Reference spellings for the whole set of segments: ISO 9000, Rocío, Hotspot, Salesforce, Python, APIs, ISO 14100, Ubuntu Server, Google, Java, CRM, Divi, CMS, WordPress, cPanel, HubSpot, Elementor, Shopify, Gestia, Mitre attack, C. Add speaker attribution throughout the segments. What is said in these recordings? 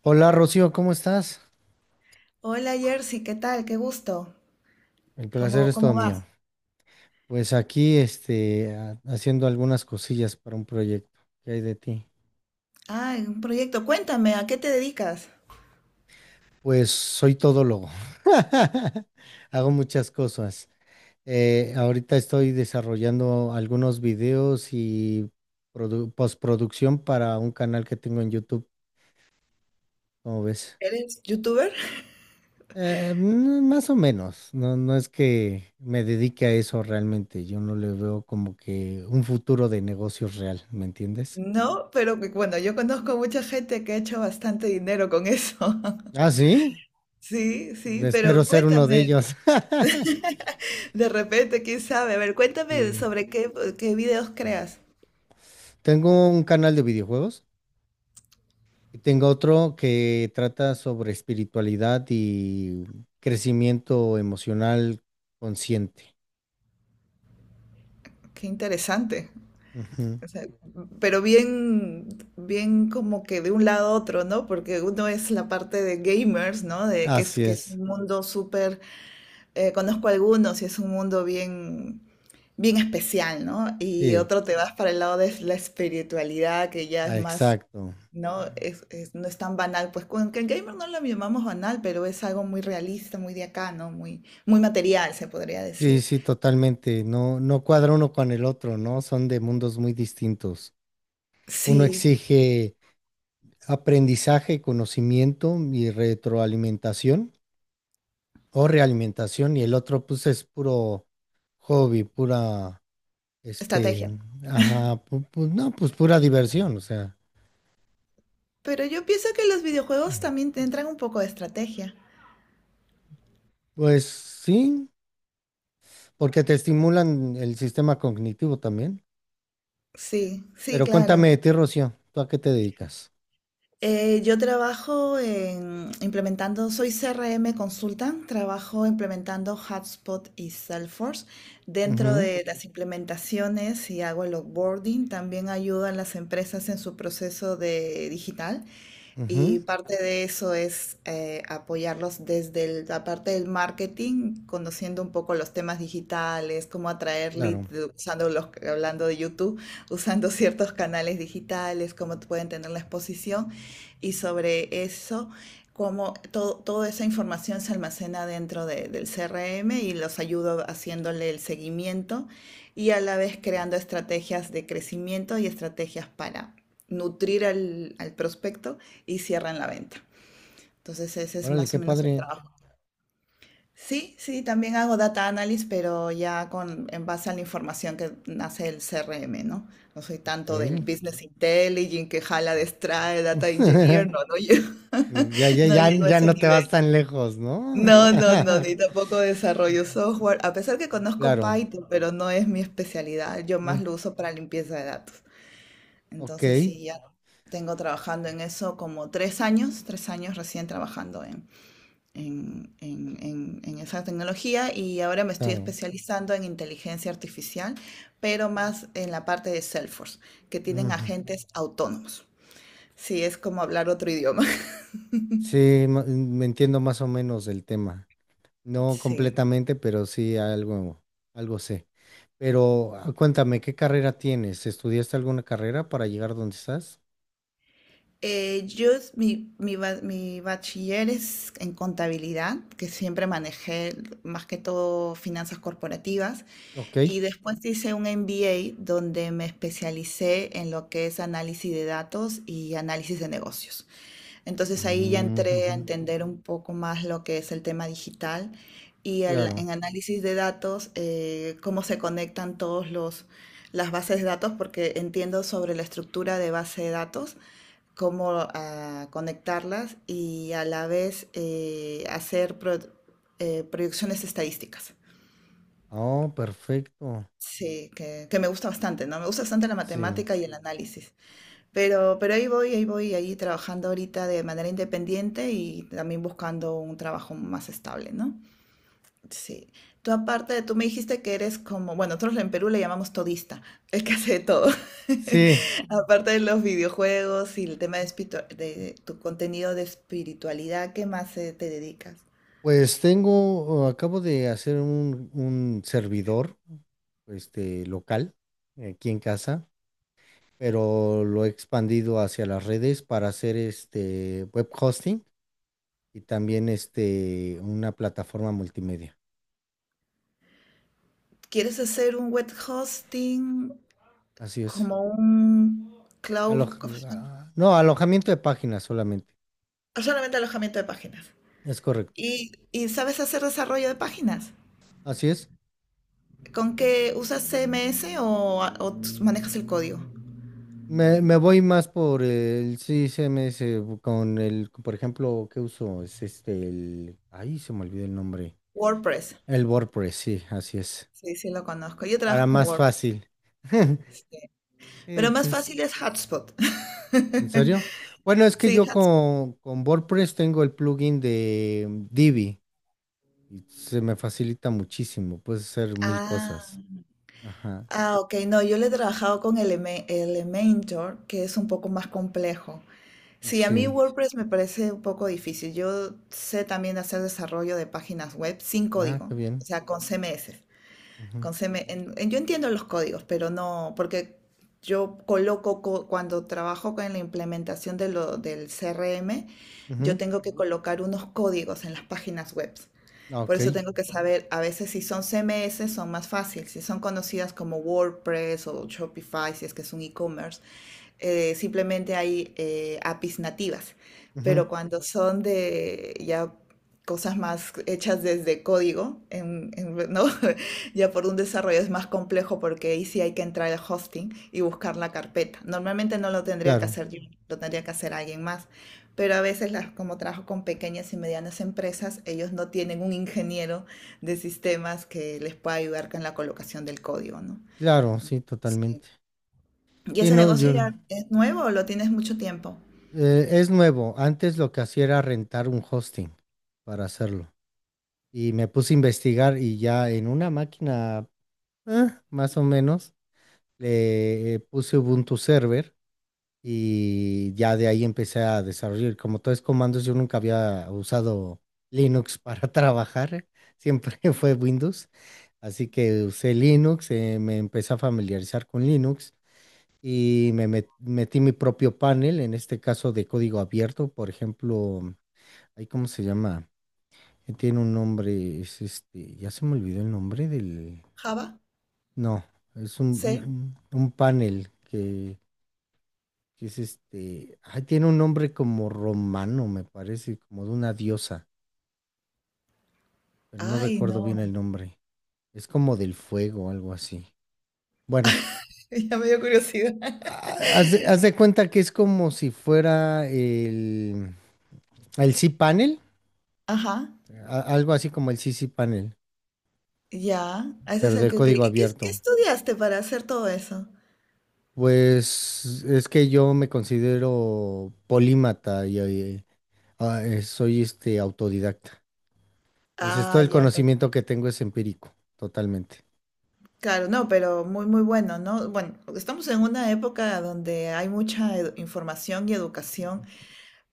Speaker 1: Hola Rocío, ¿cómo estás?
Speaker 2: Hola Jersey, ¿qué tal? Qué gusto.
Speaker 1: El placer
Speaker 2: ¿Cómo,
Speaker 1: es todo
Speaker 2: cómo
Speaker 1: mío.
Speaker 2: vas?
Speaker 1: Pues aquí, haciendo algunas cosillas para un proyecto. ¿Qué hay de ti?
Speaker 2: Ah, un proyecto. Cuéntame, ¿a qué te dedicas?
Speaker 1: Pues soy todólogo. Hago muchas cosas. Ahorita estoy desarrollando algunos videos y postproducción para un canal que tengo en YouTube, ¿cómo ves?
Speaker 2: ¿Eres youtuber?
Speaker 1: Más o menos. No, no es que me dedique a eso realmente. Yo no le veo como que un futuro de negocios real, ¿me entiendes?
Speaker 2: No, pero yo conozco mucha gente que ha hecho bastante dinero con eso.
Speaker 1: Ah, sí.
Speaker 2: Sí, sí,
Speaker 1: Espero
Speaker 2: pero
Speaker 1: ser uno de
Speaker 2: cuéntame,
Speaker 1: ellos.
Speaker 2: de repente, quién sabe. A ver, cuéntame
Speaker 1: Sí.
Speaker 2: sobre qué, qué videos creas.
Speaker 1: Tengo un canal de videojuegos y tengo otro que trata sobre espiritualidad y crecimiento emocional consciente.
Speaker 2: Qué interesante.
Speaker 1: Ujú.
Speaker 2: O sea, pero bien, bien como que de un lado a otro, ¿no? Porque uno es la parte de gamers, ¿no? De que es,
Speaker 1: Así
Speaker 2: que es
Speaker 1: es.
Speaker 2: un mundo súper conozco algunos y es un mundo bien, bien especial, ¿no? Y
Speaker 1: Sí,
Speaker 2: otro te vas para el lado de la espiritualidad, que ya es
Speaker 1: ah,
Speaker 2: más,
Speaker 1: exacto.
Speaker 2: ¿no? No es tan banal. Pues con que el gamer no lo llamamos banal, pero es algo muy realista, muy de acá, ¿no? Muy, muy material, se podría
Speaker 1: Sí,
Speaker 2: decir.
Speaker 1: sí, totalmente. No, no cuadra uno con el otro, ¿no? Son de mundos muy distintos. Uno
Speaker 2: Sí,
Speaker 1: exige aprendizaje, conocimiento y retroalimentación o realimentación, y el otro pues es puro hobby, pura, este,
Speaker 2: estrategia.
Speaker 1: ajá, no, pues pura diversión, o sea,
Speaker 2: Pero yo pienso que los videojuegos
Speaker 1: Mm.
Speaker 2: también te entran un poco de estrategia.
Speaker 1: Pues sí, porque te estimulan el sistema cognitivo también.
Speaker 2: Sí, sí,
Speaker 1: Pero cuéntame
Speaker 2: claro.
Speaker 1: de ti, Rocío, ¿tú a qué te dedicas?
Speaker 2: Yo trabajo en implementando, soy CRM Consultant, trabajo implementando HubSpot y Salesforce. Dentro de las implementaciones y hago el onboarding, también ayudo a las empresas en su proceso de digital.
Speaker 1: Ujú,
Speaker 2: Y
Speaker 1: ujú,
Speaker 2: parte de eso es apoyarlos desde la parte del marketing, conociendo un poco los temas digitales, cómo atraer leads
Speaker 1: claro.
Speaker 2: de- usando los, hablando de YouTube, usando ciertos canales digitales, cómo pueden tener la exposición y sobre eso, cómo toda esa información se almacena dentro del CRM y los ayudo haciéndole el seguimiento y a la vez creando estrategias de crecimiento y estrategias para nutrir al, al prospecto y cierran la venta. Entonces ese es
Speaker 1: Órale,
Speaker 2: más
Speaker 1: qué
Speaker 2: o menos el
Speaker 1: padre.
Speaker 2: trabajo. Sí, sí, también hago data analysis, pero ya con, en base a la información que nace el CRM, ¿no? No soy
Speaker 1: Ok.
Speaker 2: tanto del business intelligence que jala, destrae, data engineer, no, no,
Speaker 1: Ya, ya,
Speaker 2: no
Speaker 1: ya,
Speaker 2: llego a
Speaker 1: ya
Speaker 2: ese
Speaker 1: no te vas
Speaker 2: nivel.
Speaker 1: tan lejos, ¿no?
Speaker 2: No, no, no, ni tampoco desarrollo software, a pesar que conozco
Speaker 1: Claro.
Speaker 2: Python, pero no es mi especialidad, yo
Speaker 1: mm,
Speaker 2: más lo uso para limpieza de datos.
Speaker 1: Ok,
Speaker 2: Entonces sí, ya tengo trabajando en eso como tres años recién trabajando en, en esa tecnología y ahora me estoy
Speaker 1: claro.
Speaker 2: especializando en inteligencia artificial, pero más en la parte de Salesforce, que tienen
Speaker 1: Ujú.
Speaker 2: agentes autónomos. Sí, es como hablar otro idioma.
Speaker 1: Sí, me entiendo más o menos del tema. No
Speaker 2: Sí.
Speaker 1: completamente, pero sí algo, algo sé. Pero cuéntame, ¿qué carrera tienes? ¿Estudiaste alguna carrera para llegar donde estás?
Speaker 2: Yo, es- mi, ba- mi bachiller es en contabilidad, que siempre manejé más que todo finanzas corporativas,
Speaker 1: Ok.
Speaker 2: y después hice un MBA donde me especialicé en lo que es análisis de datos y análisis de negocios. Entonces ahí ya
Speaker 1: Mm,
Speaker 2: entré a
Speaker 1: ujú,
Speaker 2: entender un poco más lo que es el tema digital y el-
Speaker 1: claro.
Speaker 2: en análisis de datos, cómo se conectan todos los, las bases de datos, porque entiendo sobre la estructura de base de datos, cómo ah, conectarlas y a la vez hacer proyecciones estadísticas.
Speaker 1: Oh, perfecto.
Speaker 2: Sí, que me gusta bastante, ¿no? Me gusta bastante la
Speaker 1: Sí.
Speaker 2: matemática y el análisis. Pero ahí voy, ahí trabajando ahorita de manera independiente y también buscando un trabajo más estable, ¿no? Sí. Tú aparte, tú me dijiste que eres como, bueno, nosotros en Perú le llamamos todista, el que hace de todo.
Speaker 1: Sí,
Speaker 2: Aparte de los videojuegos y el tema de, de tu contenido de espiritualidad, ¿qué más te dedicas?
Speaker 1: pues tengo, acabo de hacer un servidor, este, local, aquí en casa, pero lo he expandido hacia las redes para hacer este web hosting, y también este, una plataforma multimedia.
Speaker 2: ¿Quieres hacer un web hosting
Speaker 1: Así es.
Speaker 2: como un cloud? ¿Cómo se llama?
Speaker 1: No, alojamiento de páginas solamente.
Speaker 2: Solamente alojamiento de páginas.
Speaker 1: Es correcto.
Speaker 2: Y sabes hacer desarrollo de páginas?
Speaker 1: Así es.
Speaker 2: ¿Con qué usas CMS o manejas el código?
Speaker 1: Me voy más por el CMS con el, por ejemplo, ¿qué uso? Es este, el, ahí se me olvidó el nombre.
Speaker 2: WordPress.
Speaker 1: El WordPress, sí, así es.
Speaker 2: Sí, sí lo conozco. Yo
Speaker 1: Para
Speaker 2: trabajo con
Speaker 1: más
Speaker 2: WordPress.
Speaker 1: fácil.
Speaker 2: Sí. Pero
Speaker 1: Pues
Speaker 2: más
Speaker 1: es-
Speaker 2: fácil es Hotspot.
Speaker 1: ¿En serio? Bueno, es que
Speaker 2: Sí,
Speaker 1: yo
Speaker 2: Hotspot.
Speaker 1: con WordPress tengo el plugin de Divi, y se me facilita muchísimo. Puedes hacer mil
Speaker 2: Ah,
Speaker 1: cosas. Ajá.
Speaker 2: ah, ok. No, yo le he trabajado con Elementor, que es un poco más complejo. Sí, a mí
Speaker 1: Sí.
Speaker 2: WordPress me parece un poco difícil. Yo sé también hacer desarrollo de páginas web sin
Speaker 1: Ah,
Speaker 2: código,
Speaker 1: qué bien.
Speaker 2: o sea, con CMS.
Speaker 1: Ujú,
Speaker 2: Con CM yo entiendo los códigos, pero no, porque yo coloco, cuando trabajo con la implementación de lo, del CRM, yo
Speaker 1: ujú,
Speaker 2: tengo que Ujú. Colocar unos códigos en las páginas web.
Speaker 1: ah,
Speaker 2: Por
Speaker 1: ok.
Speaker 2: eso tengo que saber, a veces si son CMS son más fáciles, si son conocidas como WordPress o Shopify, si es que es un e-commerce, simplemente hay APIs nativas, pero
Speaker 1: Ujú,
Speaker 2: cuando son de ya cosas más hechas desde código, ¿no? ya por un desarrollo es más complejo porque ahí sí hay que entrar al hosting y buscar la carpeta. Normalmente no lo tendría que
Speaker 1: claro.
Speaker 2: hacer yo, lo tendría que hacer alguien más, pero a veces las, como trabajo con pequeñas y medianas empresas, ellos no tienen un ingeniero de sistemas que les pueda ayudar con la colocación del código, ¿no?
Speaker 1: Claro, sí, totalmente.
Speaker 2: ¿Y
Speaker 1: Sí,
Speaker 2: ese
Speaker 1: no,
Speaker 2: negocio
Speaker 1: yo.
Speaker 2: ya es nuevo o lo tienes mucho tiempo?
Speaker 1: Es nuevo. Antes lo que hacía era rentar un hosting para hacerlo. Y me puse a investigar y ya en una máquina, más o menos, le puse Ubuntu Server, y ya de ahí empecé a desarrollar. Como todo es comandos, yo nunca había usado Linux para trabajar, siempre fue Windows. Así que usé Linux, me empecé a familiarizar con Linux, y me metí mi propio panel, en este caso de código abierto. Por ejemplo, ahí cómo se llama. Tiene un nombre, es este, ya se me olvidó el nombre del,
Speaker 2: Java,
Speaker 1: no, es un,
Speaker 2: C.
Speaker 1: un panel que es este, ay, tiene un nombre como romano, me parece, como de una diosa, pero no
Speaker 2: Ay,
Speaker 1: recuerdo bien el
Speaker 2: no.
Speaker 1: nombre. Es como del fuego o algo así. Bueno,
Speaker 2: Ya me dio curiosidad.
Speaker 1: haz de cuenta que es como si fuera el cPanel,
Speaker 2: Ajá,
Speaker 1: algo así como el ccPanel,
Speaker 2: ya. Ese es
Speaker 1: pero
Speaker 2: el
Speaker 1: de
Speaker 2: que utilizo.
Speaker 1: código
Speaker 2: ¿Y qué
Speaker 1: abierto.
Speaker 2: estudiaste para hacer todo eso?
Speaker 1: Pues es que yo me considero polímata y soy este autodidacta. Entonces todo
Speaker 2: Ah,
Speaker 1: el
Speaker 2: ya,
Speaker 1: conocimiento que tengo es empírico, totalmente.
Speaker 2: claro, no, pero muy, muy bueno, ¿no? Bueno, estamos en una época donde hay mucha información y educación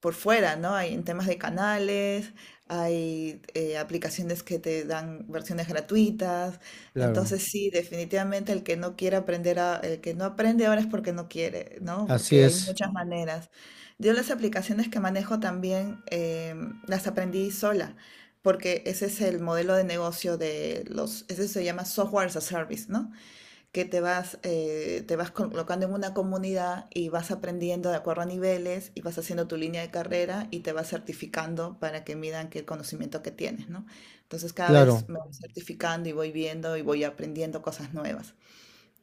Speaker 2: por fuera, ¿no? Hay en temas de canales, hay aplicaciones que te dan versiones gratuitas.
Speaker 1: Claro.
Speaker 2: Entonces, sí, definitivamente el que no quiere aprender, el que no aprende ahora es porque no quiere, ¿no?
Speaker 1: Así
Speaker 2: Porque hay
Speaker 1: es,
Speaker 2: muchas maneras. Yo las aplicaciones que manejo también las aprendí sola, porque ese es el modelo de negocio de los, ese se llama software as a service, ¿no? Que te vas colocando en una comunidad y vas aprendiendo de acuerdo a niveles y vas haciendo tu línea de carrera y te vas certificando para que midan que el conocimiento que tienes, ¿no? Entonces cada vez
Speaker 1: claro.
Speaker 2: me voy certificando y voy viendo y voy aprendiendo cosas nuevas.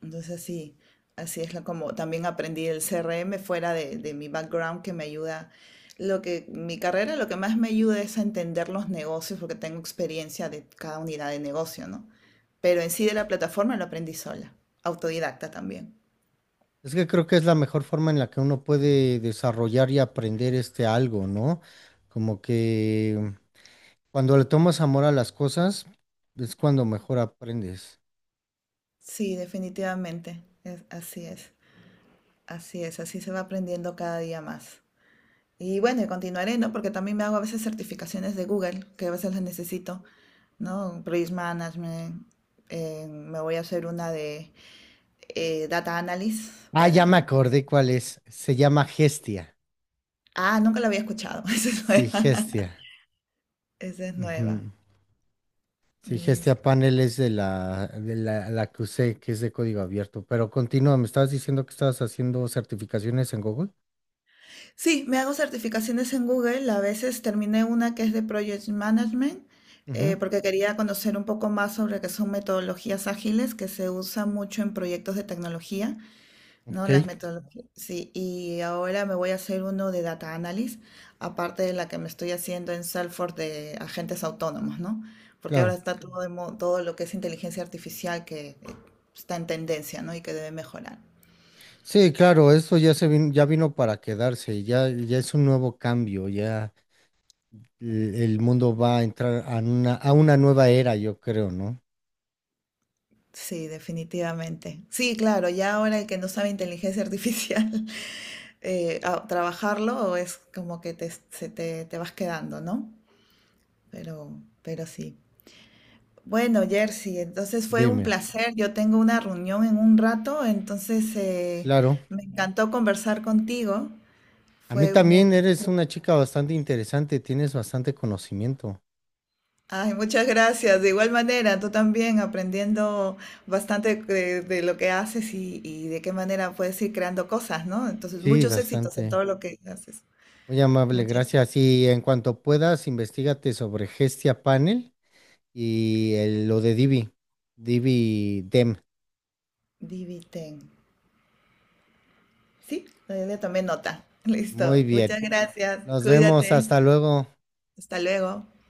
Speaker 2: Entonces así, como también aprendí el CRM fuera de mi background que me ayuda. Lo que mi carrera lo que más me ayuda es a entender los negocios porque tengo experiencia de cada unidad de negocio, ¿no? Pero en sí de la plataforma lo aprendí sola, autodidacta también.
Speaker 1: Es que creo que es la mejor forma en la que uno puede desarrollar y aprender este algo, ¿no? Como que cuando le tomas amor a las cosas, es cuando mejor aprendes.
Speaker 2: Sí, definitivamente. Así es, así es, así se va aprendiendo cada día más. Y bueno, y continuaré, ¿no? Porque también me hago a veces certificaciones de Google, que a veces las necesito. ¿No? Risk Management. Me voy a hacer una de Data Analysis
Speaker 1: Ah, ya me
Speaker 2: para...
Speaker 1: acordé cuál es. Se llama Gestia.
Speaker 2: Ah, nunca la había escuchado. Esa es
Speaker 1: Sí,
Speaker 2: nueva.
Speaker 1: Gestia.
Speaker 2: Esa es
Speaker 1: Ujú.
Speaker 2: nueva.
Speaker 1: Sí, Gestia
Speaker 2: Listo.
Speaker 1: Panel es de la que usé, que es de código abierto. Pero continúa, me estabas diciendo que estabas haciendo certificaciones en Google.
Speaker 2: Sí, me hago certificaciones en Google. A veces terminé una que es de Project Management,
Speaker 1: Ujú,
Speaker 2: porque quería conocer un poco más sobre qué son metodologías ágiles que se usan mucho en proyectos de tecnología. No, las
Speaker 1: ok,
Speaker 2: metodologías. Sí, y ahora me voy a hacer uno de data analysis, aparte de la que me estoy haciendo en Salesforce de agentes autónomos, ¿no? Porque ahora
Speaker 1: claro.
Speaker 2: está todo, todo lo que es inteligencia artificial que está en tendencia, ¿no? Y que debe mejorar.
Speaker 1: Sí, claro, eso ya ya vino para quedarse, ya, ya es un nuevo cambio, ya el mundo va a entrar a a una nueva era, yo creo, ¿no?
Speaker 2: Sí, definitivamente. Sí, claro, ya ahora el que no sabe inteligencia artificial, trabajarlo es como que te, se te, te vas quedando, ¿no? Pero sí. Bueno, Jersey, entonces fue un
Speaker 1: Dime,
Speaker 2: placer. Yo tengo una reunión en un rato, entonces
Speaker 1: claro.
Speaker 2: me encantó conversar contigo.
Speaker 1: A mí
Speaker 2: Fue muy...
Speaker 1: también, eres una chica bastante interesante, tienes bastante conocimiento.
Speaker 2: Ay, muchas gracias. De igual manera, tú también aprendiendo bastante de lo que haces y de qué manera puedes ir creando cosas, ¿no? Entonces,
Speaker 1: Sí,
Speaker 2: muchos éxitos en
Speaker 1: bastante.
Speaker 2: todo lo que haces.
Speaker 1: Muy amable,
Speaker 2: Muchas.
Speaker 1: gracias. Y en cuanto puedas, investigate sobre Gestia Panel y lo de Divi, Divi Dem.
Speaker 2: Diviten. Sí, le también nota.
Speaker 1: Muy
Speaker 2: Listo.
Speaker 1: bien.
Speaker 2: Muchas gracias.
Speaker 1: Nos vemos,
Speaker 2: Cuídate.
Speaker 1: hasta luego.
Speaker 2: Hasta luego.